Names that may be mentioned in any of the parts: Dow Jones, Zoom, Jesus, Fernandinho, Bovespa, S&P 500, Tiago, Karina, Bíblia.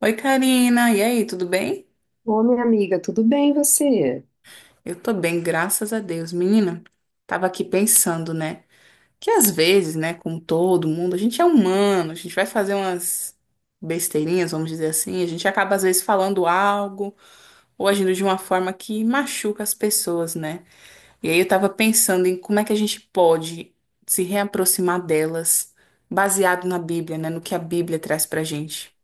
Oi, Karina. E aí, tudo bem? Ô, minha amiga, tudo bem você? Eu tô bem, graças a Deus. Menina, tava aqui pensando, né? Que às vezes, né, como todo mundo, a gente é humano, a gente vai fazer umas besteirinhas, vamos dizer assim, a gente acaba às vezes falando algo ou agindo de uma forma que machuca as pessoas, né? E aí eu tava pensando em como é que a gente pode se reaproximar delas, baseado na Bíblia, né, no que a Bíblia traz pra gente.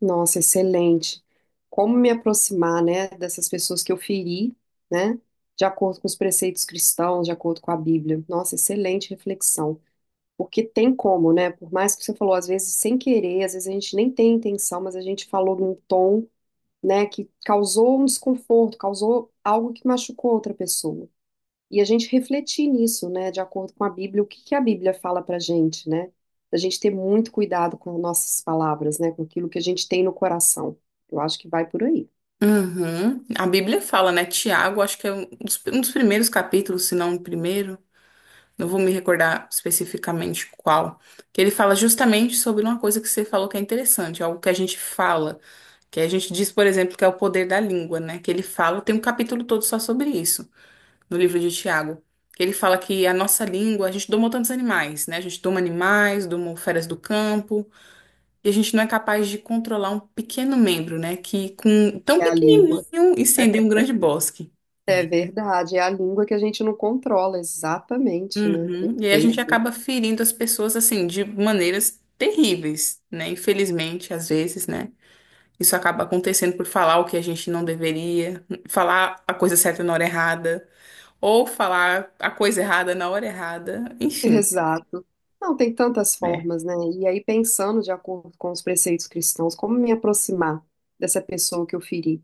Nossa, excelente. Como me aproximar, né, dessas pessoas que eu feri, né, de acordo com os preceitos cristãos, de acordo com a Bíblia. Nossa, excelente reflexão. Porque tem como, né? Por mais que você falou, às vezes sem querer, às vezes a gente nem tem intenção, mas a gente falou num tom, né, que causou um desconforto, causou algo que machucou outra pessoa. E a gente refletir nisso, né, de acordo com a Bíblia, o que que a Bíblia fala pra gente, né? A gente ter muito cuidado com nossas palavras, né, com aquilo que a gente tem no coração. Eu acho que vai por aí. Uhum. A Bíblia fala, né? Tiago, acho que é um dos primeiros capítulos, se não o primeiro. Não vou me recordar especificamente qual. Que ele fala justamente sobre uma coisa que você falou que é interessante, algo que a gente fala, que a gente diz, por exemplo, que é o poder da língua, né? Que ele fala, tem um capítulo todo só sobre isso, no livro de Tiago. Que ele fala que a nossa língua, a gente doma tantos animais, né? A gente doma animais, doma feras do campo e a gente não é capaz de controlar um pequeno membro, né? Que com tão É a língua. pequenininho incendeia um grande bosque. É verdade, é a língua que a gente não controla, exatamente, né? Uhum. E aí a gente Perfeito. acaba ferindo as pessoas assim de maneiras terríveis, né? Infelizmente, às vezes, né? Isso acaba acontecendo por falar o que a gente não deveria, falar a coisa certa na hora errada, ou falar a coisa errada na hora errada, enfim, Exato. Não, tem tantas né? formas, né? E aí, pensando de acordo com os preceitos cristãos, como me aproximar dessa pessoa que eu feri?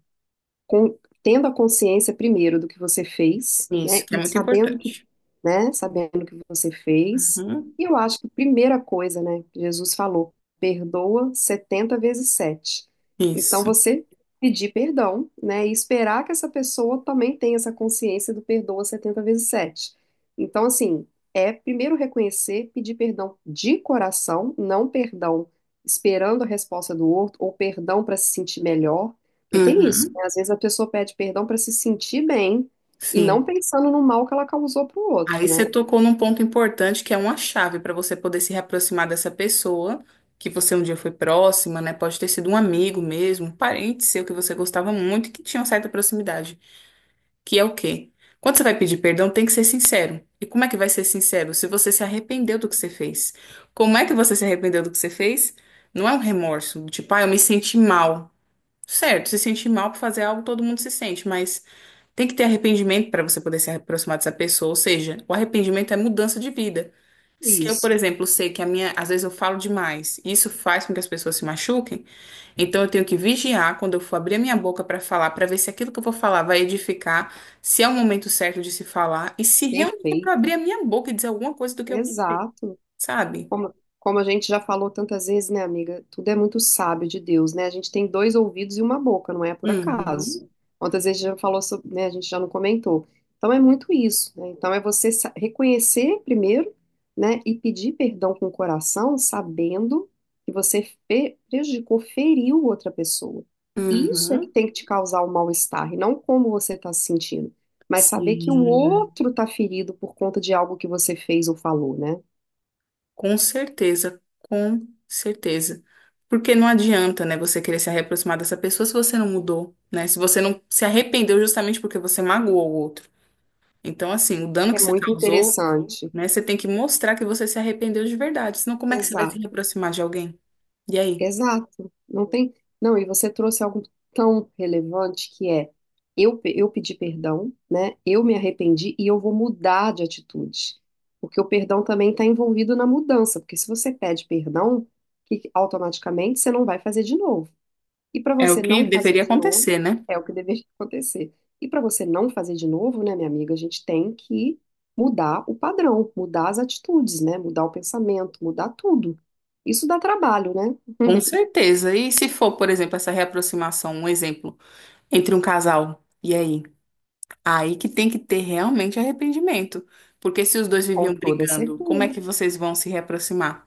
com- Tendo a consciência primeiro do que você fez, Isso né? que é E muito sabendo que, importante. né? Sabendo que você fez. Uhum. E eu acho que a primeira coisa, né? Jesus falou, perdoa 70 vezes 7. Então Isso. você pedir perdão, né? E esperar que essa pessoa também tenha essa consciência do perdoa 70 vezes 7. Então, assim, é primeiro reconhecer, pedir perdão de coração, não perdão esperando a resposta do outro ou perdão para se sentir melhor. Porque tem isso, Uhum. né? Às vezes a pessoa pede perdão para se sentir bem e não Sim. pensando no mal que ela causou para o Aí outro, você né? tocou num ponto importante que é uma chave para você poder se reaproximar dessa pessoa que você um dia foi próxima, né? Pode ter sido um amigo mesmo, um parente seu que você gostava muito e que tinha uma certa proximidade. Que é o quê? Quando você vai pedir perdão, tem que ser sincero. E como é que vai ser sincero? Se você se arrependeu do que você fez. Como é que você se arrependeu do que você fez? Não é um remorso, do tipo, ah, eu me senti mal. Certo, se sentir mal por fazer algo, todo mundo se sente, mas tem que ter arrependimento para você poder se aproximar dessa pessoa. Ou seja, o arrependimento é mudança de vida. Se eu, por Isso. exemplo, sei que a minha, às vezes eu falo demais, e isso faz com que as pessoas se machuquem, então eu tenho que vigiar quando eu for abrir a minha boca para falar, para ver se aquilo que eu vou falar vai edificar, se é o momento certo de se falar e se realmente é para abrir Perfeito. a minha boca e dizer alguma coisa do que eu pensei, Exato. sabe? Como, como a gente já falou tantas vezes, né, amiga? Tudo é muito sábio de Deus, né? A gente tem dois ouvidos e uma boca, não é por acaso. Uhum, Quantas vezes a gente já falou sobre, né? A gente já não comentou. Então é muito isso, né? Então é você reconhecer primeiro, né? E pedir perdão com o coração, sabendo que você prejudicou, feriu outra pessoa. Isso é que uhum, tem que te causar o mal-estar, e não como você está se sentindo. Mas saber que o sim. outro está ferido por conta de algo que você fez ou falou, né? Com certeza, com certeza. Porque não adianta, né, você querer se reaproximar dessa pessoa se você não mudou, né? Se você não se arrependeu justamente porque você magoou o outro. Então, assim, o dano É que você muito causou, interessante. né, você tem que mostrar que você se arrependeu de verdade. Senão, como é que você vai se Exato, reaproximar de alguém? E aí? exato. Não tem. Não, e você trouxe algo tão relevante que é eu pedi perdão, né? Eu me arrependi e eu vou mudar de atitude. Porque o perdão também está envolvido na mudança. Porque se você pede perdão, que automaticamente você não vai fazer de novo. E para É o você não que fazer deveria de novo, acontecer, né? é o que deveria acontecer. E para você não fazer de novo, né, minha amiga, a gente tem que mudar o padrão, mudar as atitudes, né? Mudar o pensamento, mudar tudo. Isso dá trabalho, né? Com certeza. E se for, por exemplo, essa reaproximação, um exemplo, entre um casal, e aí? Aí que tem que ter realmente arrependimento. Porque se os dois Com viviam toda brigando, como é certeza. que vocês vão se reaproximar?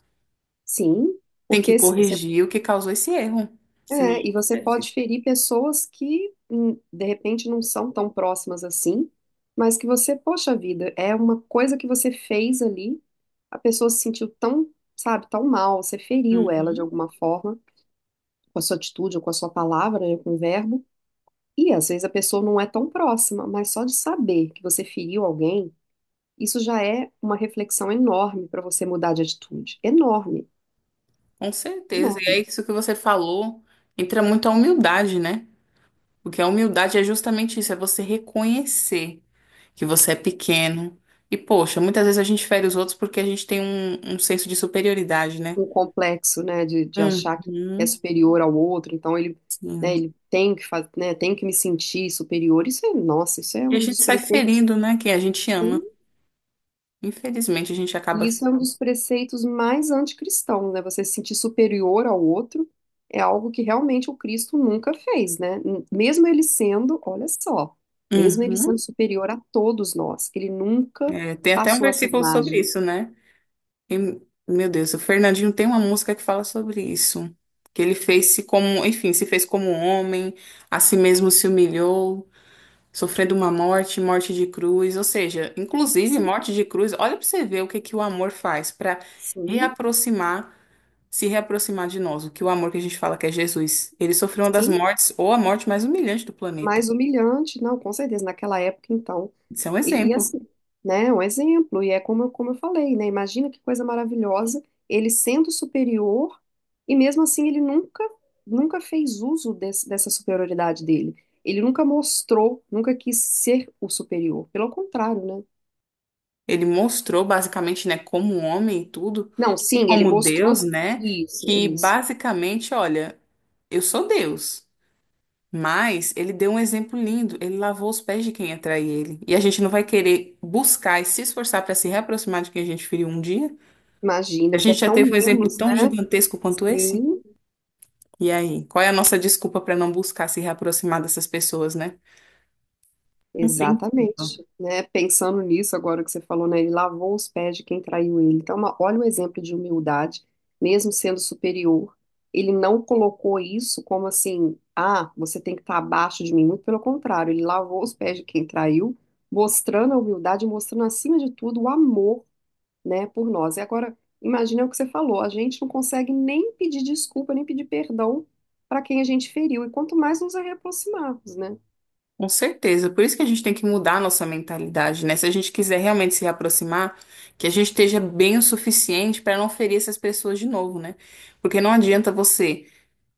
Sim, Tem que porque corrigir o que causou esse erro. Senão é, não e você acontece. pode ferir pessoas que de repente não são tão próximas assim, mas que você, poxa vida, é uma coisa que você fez ali, a pessoa se sentiu tão, sabe, tão mal, você feriu ela de Uhum, alguma forma. Com a sua atitude ou com a sua palavra, né, com o verbo. E às vezes a pessoa não é tão próxima, mas só de saber que você feriu alguém, isso já é uma reflexão enorme para você mudar de atitude. Enorme, com certeza. E enorme. é isso que você falou. Entra muito a humildade, né? Porque a humildade é justamente isso, é você reconhecer que você é pequeno. E, poxa, muitas vezes a gente fere os outros porque a gente tem um senso de superioridade, né? Um complexo, né, de achar que é Uhum, superior ao outro, então ele, né, sim. ele tem que fazer, né, tem que me sentir superior. Isso é, nossa, isso é E a um gente dos sai preceitos. ferindo, né? Quem a gente ama. Infelizmente, a gente acaba. E isso é um dos preceitos mais anticristãos, né? Você se sentir superior ao outro é algo que realmente o Cristo nunca fez, né? Mesmo ele sendo, olha só, mesmo ele sendo Uhum. superior a todos nós, ele nunca É, tem até um passou essa versículo sobre imagem. isso, né? E, meu Deus, o Fernandinho tem uma música que fala sobre isso. Que ele fez-se como, enfim, se fez como um homem, a si mesmo se humilhou, sofrendo uma morte, morte de cruz. Ou seja, inclusive Sim, morte de cruz, olha pra você ver o que que o amor faz para sim, reaproximar, se reaproximar de nós. O que o amor que a gente fala que é Jesus. Ele sofreu uma das sim. mortes, ou a morte mais humilhante do planeta. Mais humilhante, não, com certeza, naquela época, então. Isso é um E exemplo. assim, né, é um exemplo, e é como, como eu falei, né, imagina que coisa maravilhosa, ele sendo superior, e mesmo assim ele nunca, nunca fez uso dessa superioridade dele. Ele nunca mostrou, nunca quis ser o superior, pelo contrário, né? Ele mostrou basicamente, né, como um homem e tudo, Não, e sim, ele como mostrou Deus, né, isso, que isso. basicamente, olha, eu sou Deus, mas ele deu um exemplo lindo, ele lavou os pés de quem atrai ele. E a gente não vai querer buscar e se esforçar para se reaproximar de quem a gente feriu um dia? A Imagina que é gente já tão teve um exemplo menos, tão né? gigantesco quanto esse? Sim. E aí, qual é a nossa desculpa para não buscar se reaproximar dessas pessoas, né? Não tem desculpa. Exatamente, né? Pensando nisso agora que você falou, né? Ele lavou os pés de quem traiu ele. Então, olha o exemplo de humildade, mesmo sendo superior, ele não colocou isso como assim, ah, você tem que estar abaixo de mim. Muito pelo contrário, ele lavou os pés de quem traiu, mostrando a humildade, mostrando acima de tudo o amor, né, por nós. E agora, imagina o que você falou, a gente não consegue nem pedir desculpa, nem pedir perdão para quem a gente feriu, e quanto mais nos aproximarmos, né? Com certeza. Por isso que a gente tem que mudar a nossa mentalidade, né? Se a gente quiser realmente se aproximar, que a gente esteja bem o suficiente para não ferir essas pessoas de novo, né? Porque não adianta você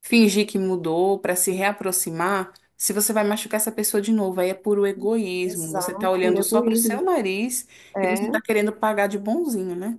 fingir que mudou para se reaproximar, se você vai machucar essa pessoa de novo. Aí é puro egoísmo. Você tá Exato, por olhando só pro seu egoísmo. nariz e você É, tá querendo pagar de bonzinho, né?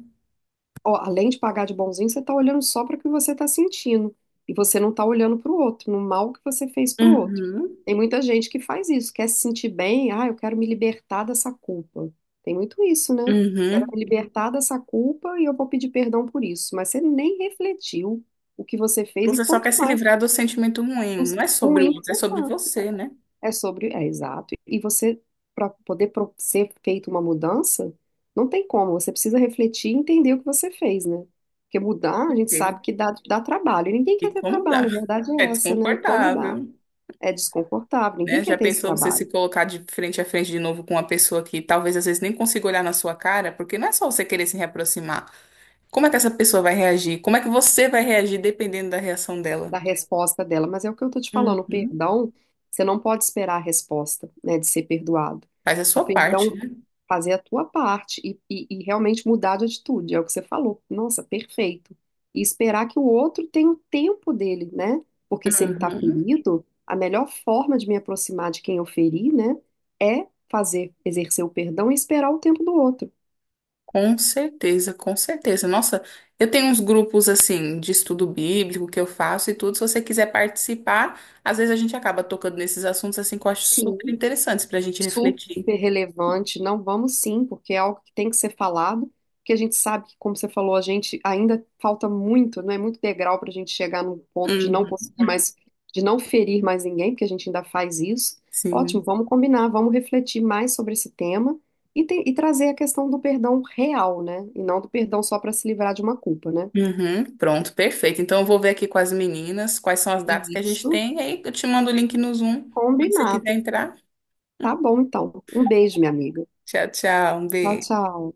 ó, além de pagar de bonzinho, você está olhando só para o que você está sentindo. E você não está olhando para o outro, no mal que você fez para o outro. Uhum, Tem muita gente que faz isso, quer se sentir bem, ah, eu quero me libertar dessa culpa. Tem muito isso, né? Quero uhum. me libertar dessa culpa e eu vou pedir perdão por isso. Mas você nem refletiu o que você fez e Você só quer quanto se mais livrar do sentimento ruim. Não é sobre o ruim que outro, é você sobre tá. você, né? É sobre, é exato. E você, para poder ser feita uma mudança, não tem como, você precisa refletir e entender o que você fez, né? Porque mudar, a gente Certeza. sabe que dá, dá trabalho, e ninguém E quer ter como dá? trabalho, a verdade é É essa, né? E como dá? desconfortável, É desconfortável, ninguém né? quer Já ter esse pensou você se trabalho. colocar de frente a frente de novo com uma pessoa que talvez às vezes nem consiga olhar na sua cara, porque não é só você querer se reaproximar. Como é que essa pessoa vai reagir? Como é que você vai reagir dependendo da reação dela? Da resposta dela, mas é o que eu tô te falando, o Uhum. perdão, você não pode esperar a resposta, né, de ser perdoado. Faz a O sua parte, perdão, né? fazer a tua parte e realmente mudar de atitude, é o que você falou. Nossa, perfeito. E esperar que o outro tenha o tempo dele, né? Porque se ele tá Uhum. ferido, a melhor forma de me aproximar de quem eu feri, né, é fazer, exercer o perdão e esperar o tempo do outro. Com certeza, com certeza. Nossa, eu tenho uns grupos assim de estudo bíblico que eu faço e tudo. Se você quiser participar, às vezes a gente acaba tocando nesses assuntos assim que eu acho super Sim. interessantes para a gente refletir. Super relevante. Não, vamos sim, porque é algo que tem que ser falado, porque a gente sabe que, como você falou, a gente ainda falta muito, não é muito degrau para a gente chegar num ponto de não conseguir mais, de não ferir mais ninguém, porque a gente ainda faz isso. Ótimo, Sim. vamos combinar, vamos refletir mais sobre esse tema e trazer a questão do perdão real, né? E não do perdão só para se livrar de uma culpa, né? Uhum, pronto, perfeito. Então eu vou ver aqui com as meninas quais são as datas que a gente Isso. tem. E aí eu te mando o link no Zoom, quando você Combinado. quiser entrar. Tá bom, então. Um beijo, minha amiga. Tchau, tchau. Um Tchau, beijo. tchau.